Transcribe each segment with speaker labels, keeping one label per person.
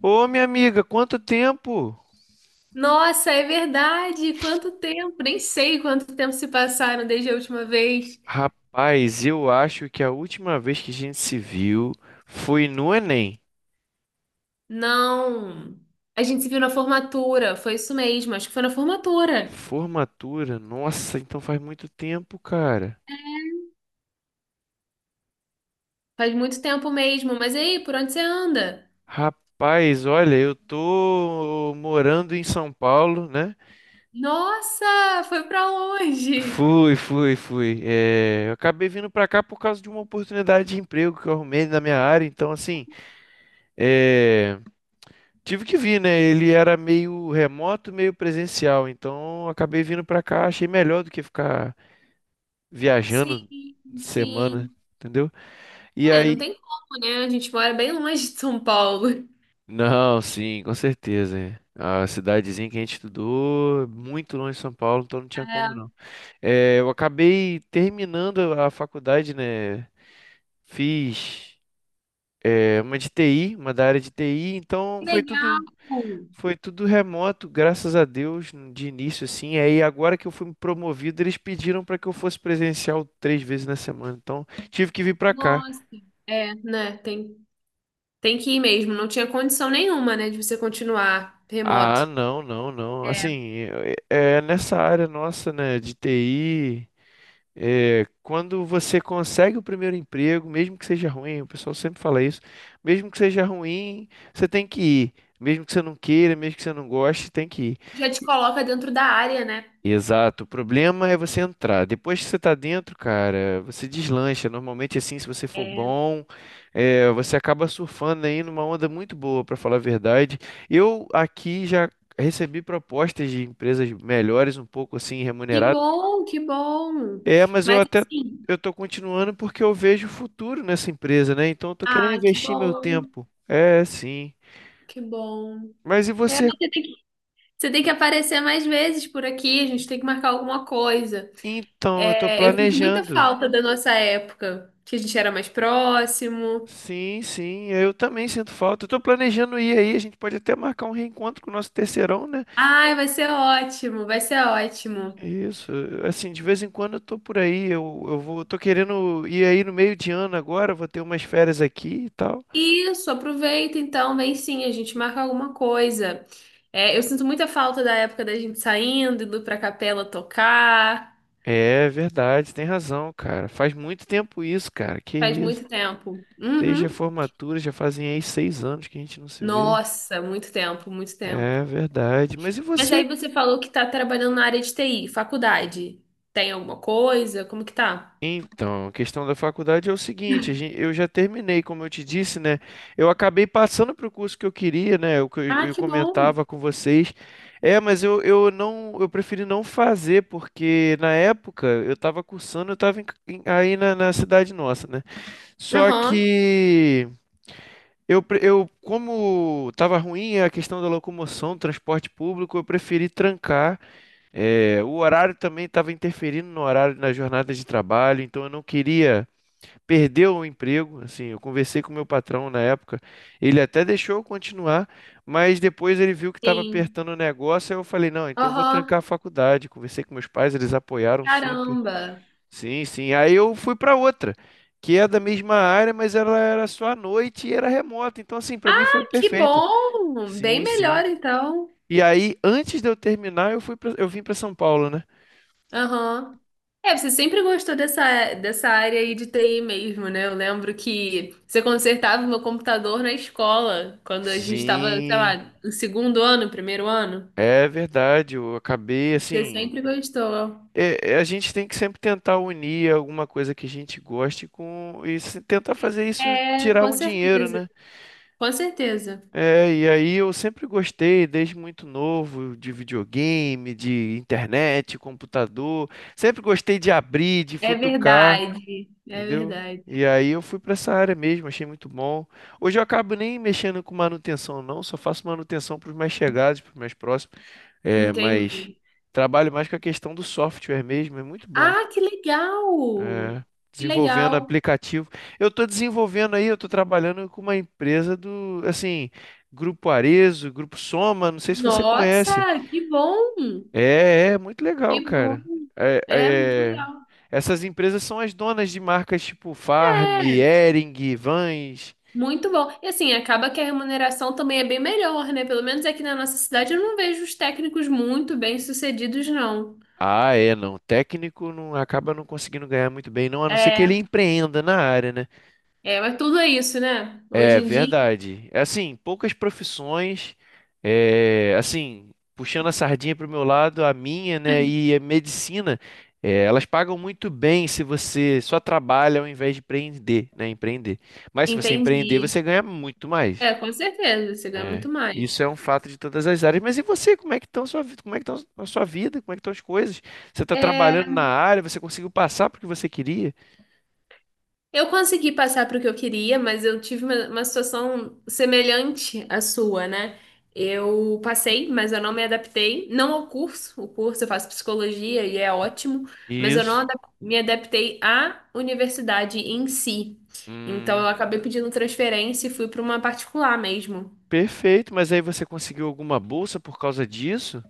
Speaker 1: Ô, minha amiga, quanto tempo?
Speaker 2: Nossa, é verdade! Quanto tempo! Nem sei quanto tempo se passaram desde a última vez.
Speaker 1: Rapaz, eu acho que a última vez que a gente se viu foi no Enem.
Speaker 2: Não, a gente se viu na formatura, foi isso mesmo, acho que foi na formatura.
Speaker 1: Formatura, nossa, então faz muito tempo, cara.
Speaker 2: Faz muito tempo mesmo, mas e aí, por onde você anda?
Speaker 1: Rapaz, olha, eu tô morando em São Paulo, né?
Speaker 2: Nossa, foi pra longe!
Speaker 1: Fui, fui, fui. É, eu acabei vindo pra cá por causa de uma oportunidade de emprego que eu arrumei na minha área, então assim, é, tive que vir, né? Ele era meio remoto, meio presencial. Então acabei vindo pra cá, achei melhor do que ficar
Speaker 2: Sim,
Speaker 1: viajando semana,
Speaker 2: sim.
Speaker 1: entendeu? E
Speaker 2: É, não
Speaker 1: aí.
Speaker 2: tem como, né? A gente mora bem longe de São Paulo.
Speaker 1: Não, sim, com certeza. É. A cidadezinha que a gente estudou, muito longe de São Paulo, então não tinha como não.
Speaker 2: É,
Speaker 1: É, eu acabei terminando a faculdade, né? Fiz, uma de TI, uma da área de TI, então
Speaker 2: que
Speaker 1: foi
Speaker 2: legal!
Speaker 1: tudo. Foi tudo remoto, graças a Deus, de início assim. Aí agora que eu fui promovido, eles pediram para que eu fosse presencial 3 vezes na semana. Então, tive que vir para cá.
Speaker 2: Nossa, é, né? Tem que ir mesmo, não tinha condição nenhuma, né, de você continuar
Speaker 1: Ah,
Speaker 2: remoto.
Speaker 1: não, não, não.
Speaker 2: É,
Speaker 1: Assim, é nessa área nossa, né, de TI, quando você consegue o primeiro emprego, mesmo que seja ruim, o pessoal sempre fala isso, mesmo que seja ruim, você tem que ir. Mesmo que você não queira, mesmo que você não goste, tem que
Speaker 2: já te
Speaker 1: ir.
Speaker 2: coloca dentro da área, né?
Speaker 1: Exato. O problema é você entrar. Depois que você tá dentro, cara, você deslancha. Normalmente, assim, se você for
Speaker 2: É.
Speaker 1: bom, você acaba surfando aí numa onda muito boa, pra falar a verdade. Eu aqui já recebi propostas de empresas melhores, um pouco assim
Speaker 2: Que
Speaker 1: remuneradas.
Speaker 2: bom, que bom.
Speaker 1: É, mas
Speaker 2: Mas assim,
Speaker 1: eu tô continuando porque eu vejo futuro nessa empresa, né? Então, eu tô querendo
Speaker 2: ah, que
Speaker 1: investir meu
Speaker 2: bom,
Speaker 1: tempo. É, sim.
Speaker 2: que bom.
Speaker 1: Mas e
Speaker 2: É, mas
Speaker 1: você?
Speaker 2: você tem que aparecer mais vezes por aqui, a gente tem que marcar alguma coisa.
Speaker 1: Então, eu tô
Speaker 2: É, eu sinto muita
Speaker 1: planejando.
Speaker 2: falta da nossa época, que a gente era mais próximo.
Speaker 1: Sim, sim, eu também sinto falta. Eu tô planejando ir aí, a gente pode até marcar um reencontro com o nosso terceirão, né?
Speaker 2: Ai, vai ser ótimo, vai ser ótimo.
Speaker 1: Isso, assim, de vez em quando eu tô por aí, tô querendo ir aí no meio de ano agora, vou ter umas férias aqui e tal.
Speaker 2: Isso, aproveita então, vem sim, a gente marca alguma coisa. É, eu sinto muita falta da época da gente saindo, indo pra capela tocar.
Speaker 1: É verdade, tem razão, cara. Faz muito tempo isso, cara, que
Speaker 2: Faz
Speaker 1: isso.
Speaker 2: muito tempo.
Speaker 1: Desde a
Speaker 2: Uhum.
Speaker 1: formatura, já fazem aí 6 anos que a gente não se vê.
Speaker 2: Nossa, muito tempo, muito tempo.
Speaker 1: É verdade. Mas e
Speaker 2: Mas
Speaker 1: você?
Speaker 2: aí você falou que tá trabalhando na área de TI, faculdade. Tem alguma coisa? Como que tá?
Speaker 1: Então, a questão da faculdade é o seguinte, eu já terminei, como eu te disse, né? Eu acabei passando para o curso que eu queria, né? O que eu,
Speaker 2: Ah,
Speaker 1: eu
Speaker 2: que bom.
Speaker 1: comentava com vocês. É, mas eu preferi não fazer, porque na época eu estava cursando, eu estava aí na cidade nossa, né? Só
Speaker 2: Aham,
Speaker 1: que eu como estava ruim a questão da locomoção, transporte público, eu preferi trancar. É, o horário também estava interferindo no horário, na jornada de trabalho, então eu não queria perder o emprego. Assim, eu conversei com o meu patrão na época, ele até deixou eu continuar, mas depois ele viu que estava
Speaker 2: sim.
Speaker 1: apertando o negócio, aí eu falei, não, então eu vou
Speaker 2: Aham,
Speaker 1: trancar a faculdade. Conversei com meus pais, eles apoiaram super.
Speaker 2: caramba.
Speaker 1: Sim, sim. Aí eu fui para outra, que é da mesma área, mas ela era só à noite e era remota. Então, assim, para mim foi
Speaker 2: Ah, que
Speaker 1: perfeito.
Speaker 2: bom! Bem
Speaker 1: Sim, sim.
Speaker 2: melhor então.
Speaker 1: E aí, antes de eu terminar, eu vim para São Paulo, né?
Speaker 2: Aham. É, você sempre gostou dessa área aí de TI mesmo, né? Eu lembro que você consertava o meu computador na escola, quando a gente estava, sei
Speaker 1: Sim,
Speaker 2: lá, no segundo ano, primeiro ano.
Speaker 1: é verdade. Eu acabei
Speaker 2: Você
Speaker 1: assim.
Speaker 2: sempre gostou.
Speaker 1: A gente tem que sempre tentar unir alguma coisa que a gente goste com e se tentar fazer isso
Speaker 2: É,
Speaker 1: tirar
Speaker 2: com
Speaker 1: um dinheiro,
Speaker 2: certeza.
Speaker 1: né?
Speaker 2: Com certeza.
Speaker 1: É, e aí eu sempre gostei, desde muito novo, de videogame, de internet, computador. Sempre gostei de abrir, de
Speaker 2: É
Speaker 1: futucar,
Speaker 2: verdade. É
Speaker 1: entendeu?
Speaker 2: verdade.
Speaker 1: E aí eu fui para essa área mesmo, achei muito bom. Hoje eu acabo nem mexendo com manutenção, não, só faço manutenção para os mais chegados, para os mais próximos. É, mas
Speaker 2: Entendi.
Speaker 1: trabalho mais com a questão do software mesmo, é muito bom.
Speaker 2: Ah, que legal!
Speaker 1: É,
Speaker 2: Que
Speaker 1: desenvolvendo
Speaker 2: legal!
Speaker 1: aplicativo. Eu estou desenvolvendo aí, eu estou trabalhando com uma empresa do, assim, Grupo Arezo, Grupo Soma, não sei se você
Speaker 2: Nossa,
Speaker 1: conhece.
Speaker 2: que bom!
Speaker 1: É, é muito legal,
Speaker 2: Que bom!
Speaker 1: cara. É,
Speaker 2: É muito
Speaker 1: é,
Speaker 2: legal.
Speaker 1: essas empresas são as donas de marcas tipo Farm,
Speaker 2: É.
Speaker 1: Hering, Vans.
Speaker 2: Muito bom. E assim, acaba que a remuneração também é bem melhor, né? Pelo menos aqui na nossa cidade eu não vejo os técnicos muito bem-sucedidos, não.
Speaker 1: Ah, é, não. Técnico não acaba não conseguindo ganhar muito bem, não, a não ser que ele
Speaker 2: É,
Speaker 1: empreenda na área, né?
Speaker 2: é, mas tudo é isso, né? Hoje
Speaker 1: É
Speaker 2: em dia,
Speaker 1: verdade. É, assim, poucas profissões, assim, puxando a sardinha para o meu lado, a minha, né, e a medicina, elas pagam muito bem se você só trabalha ao invés de empreender, né, empreender. Mas se você empreender,
Speaker 2: entendi.
Speaker 1: você ganha muito mais.
Speaker 2: É, com certeza, você ganha
Speaker 1: É,
Speaker 2: muito
Speaker 1: isso
Speaker 2: mais.
Speaker 1: é um fato de todas as áreas. Mas e você, como é que estão sua, vida? Como é que estão a sua vida? Como é que estão as coisas? Você está
Speaker 2: É,
Speaker 1: trabalhando na área, você conseguiu passar porque você queria?
Speaker 2: eu consegui passar para o que eu queria, mas eu tive uma situação semelhante à sua, né? Eu passei, mas eu não me adaptei, não ao curso, o curso eu faço psicologia e é ótimo, mas eu não
Speaker 1: Isso.
Speaker 2: me adaptei à universidade em si. Então
Speaker 1: Hum.
Speaker 2: eu acabei pedindo transferência e fui para uma particular mesmo.
Speaker 1: Perfeito, mas aí você conseguiu alguma bolsa por causa disso?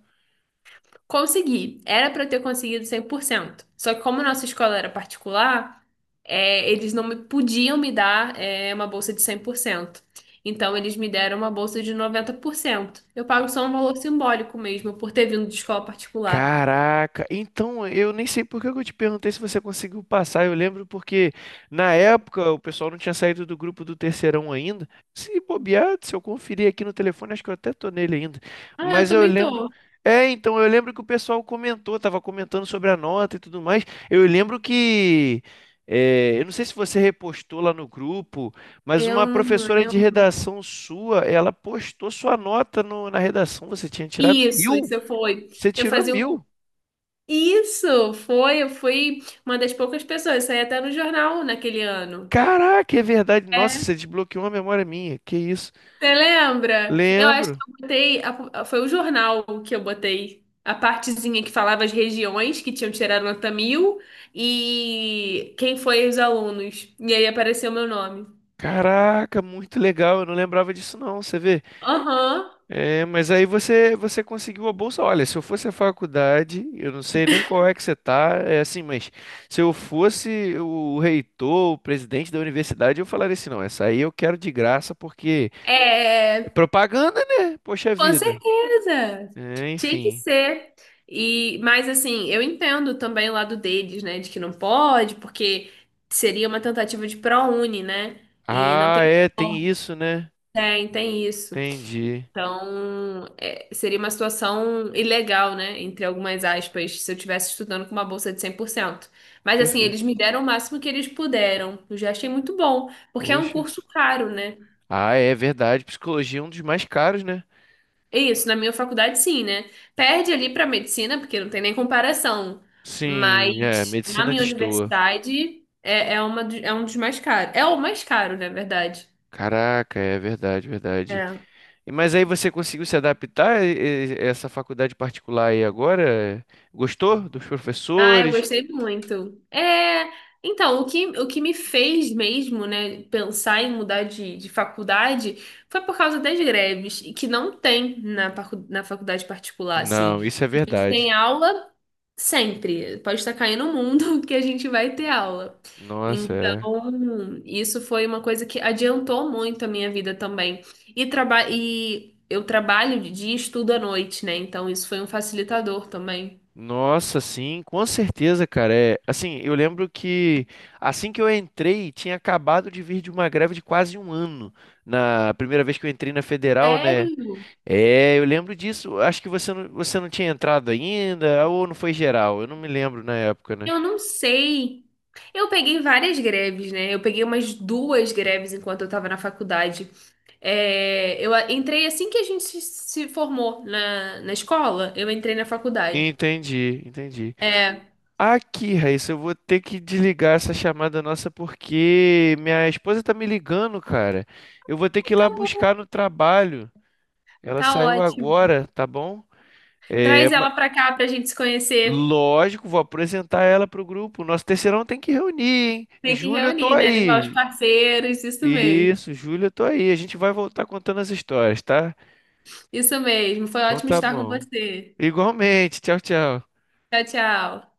Speaker 2: Consegui. Era para eu ter conseguido 100%. Só que como nossa escola era particular, é, eles não me podiam me dar é, uma bolsa de 100%. Então eles me deram uma bolsa de 90%. Eu pago só um valor simbólico mesmo por ter vindo de escola particular.
Speaker 1: Caraca, então eu nem sei por que que eu te perguntei se você conseguiu passar. Eu lembro porque na época o pessoal não tinha saído do grupo do terceirão ainda. Se bobear, se eu conferir aqui no telefone, acho que eu até tô nele ainda.
Speaker 2: Ah, eu
Speaker 1: Mas eu
Speaker 2: também
Speaker 1: lembro.
Speaker 2: tô.
Speaker 1: É, então eu lembro que o pessoal comentou, tava comentando sobre a nota e tudo mais. Eu lembro que. Eu não sei se você repostou lá no grupo, mas uma
Speaker 2: Eu não,
Speaker 1: professora
Speaker 2: eu...
Speaker 1: de redação sua, ela postou sua nota na redação. Você tinha tirado
Speaker 2: Isso,
Speaker 1: 1.000.
Speaker 2: isso foi.
Speaker 1: Você
Speaker 2: Eu
Speaker 1: tirou
Speaker 2: fazia um.
Speaker 1: 1.000.
Speaker 2: Isso, foi, eu fui uma das poucas pessoas, saí até no jornal naquele ano.
Speaker 1: Caraca, é verdade. Nossa, você desbloqueou uma memória minha. Que isso?
Speaker 2: Você lembra? Eu acho que
Speaker 1: Lembro.
Speaker 2: eu botei. Foi o jornal que eu botei. A partezinha que falava as regiões que tinham tirado nota 1.000 e quem foi os alunos. E aí apareceu meu nome.
Speaker 1: Caraca, muito legal. Eu não lembrava disso não, você vê.
Speaker 2: Aham.
Speaker 1: É, mas aí você conseguiu a bolsa. Olha, se eu fosse a faculdade, eu não sei nem qual é que você tá, é assim, mas se eu fosse o reitor, o presidente da universidade, eu falaria assim, não, essa aí eu quero de graça porque é
Speaker 2: É,
Speaker 1: propaganda, né? Poxa
Speaker 2: com
Speaker 1: vida.
Speaker 2: certeza.
Speaker 1: É,
Speaker 2: Tinha que
Speaker 1: enfim.
Speaker 2: ser. E, mas assim, eu entendo também o lado deles, né? De que não pode, porque seria uma tentativa de ProUni, né? E não
Speaker 1: Ah,
Speaker 2: tem
Speaker 1: é, tem
Speaker 2: como.
Speaker 1: isso, né?
Speaker 2: Tem, tem isso.
Speaker 1: Entendi.
Speaker 2: Então, é, seria uma situação ilegal, né? Entre algumas aspas, se eu estivesse estudando com uma bolsa de 100%. Mas, assim,
Speaker 1: Perfeito.
Speaker 2: eles me deram o máximo que eles puderam. Eu já achei muito bom, porque é um
Speaker 1: Poxa.
Speaker 2: curso caro, né?
Speaker 1: Ah, é verdade. Psicologia é um dos mais caros, né?
Speaker 2: É. Isso, na minha faculdade, sim, né? Perde ali para medicina, porque não tem nem comparação.
Speaker 1: Sim, é.
Speaker 2: Mas, na
Speaker 1: Medicina
Speaker 2: minha
Speaker 1: destoa.
Speaker 2: universidade, é, é, uma, do- é um dos mais caros. É o mais caro, na verdade.
Speaker 1: Caraca, é verdade, verdade.
Speaker 2: É.
Speaker 1: Mas aí você conseguiu se adaptar a essa faculdade particular aí agora? Gostou dos
Speaker 2: Ah, eu
Speaker 1: professores?
Speaker 2: gostei muito. É, então, o que me fez mesmo, né, pensar em mudar de faculdade foi por causa das greves, e que não tem na faculdade particular,
Speaker 1: Não,
Speaker 2: assim.
Speaker 1: isso é
Speaker 2: A gente
Speaker 1: verdade.
Speaker 2: tem aula sempre. Pode estar caindo o mundo que a gente vai ter aula.
Speaker 1: Nossa,
Speaker 2: Então,
Speaker 1: é.
Speaker 2: isso foi uma coisa que adiantou muito a minha vida também. E eu trabalho de dia e estudo à noite, né? Então, isso foi um facilitador também.
Speaker 1: Nossa, sim, com certeza, cara. É, assim, eu lembro que assim que eu entrei, tinha acabado de vir de uma greve de quase um ano. Na primeira vez que eu entrei na federal, né?
Speaker 2: Sério?
Speaker 1: É, eu lembro disso. Acho que você não tinha entrado ainda, ou não foi geral. Eu não me lembro na época, né?
Speaker 2: Eu não sei. Eu peguei várias greves, né? Eu peguei umas duas greves enquanto eu tava na faculdade. É, eu entrei assim que a gente se formou na escola, eu entrei na faculdade.
Speaker 1: Entendi, entendi.
Speaker 2: É,
Speaker 1: Aqui, Raíssa, eu vou ter que desligar essa chamada nossa porque minha esposa tá me ligando, cara. Eu vou ter que ir
Speaker 2: tá
Speaker 1: lá
Speaker 2: bom,
Speaker 1: buscar no trabalho. Ela
Speaker 2: tá
Speaker 1: saiu
Speaker 2: ótimo.
Speaker 1: agora, tá bom? É,
Speaker 2: Traz ela pra cá pra gente se conhecer.
Speaker 1: lógico, vou apresentar ela pro grupo. Nosso terceirão tem que reunir, hein?
Speaker 2: Tem que
Speaker 1: Júlio, eu tô
Speaker 2: reunir, né? Levar os
Speaker 1: aí.
Speaker 2: parceiros, isso mesmo.
Speaker 1: Isso, Júlio, eu tô aí. A gente vai voltar contando as histórias, tá?
Speaker 2: Isso mesmo. Foi
Speaker 1: Então
Speaker 2: ótimo
Speaker 1: tá
Speaker 2: estar com
Speaker 1: bom.
Speaker 2: você.
Speaker 1: Igualmente. Tchau, tchau.
Speaker 2: Tchau, tchau.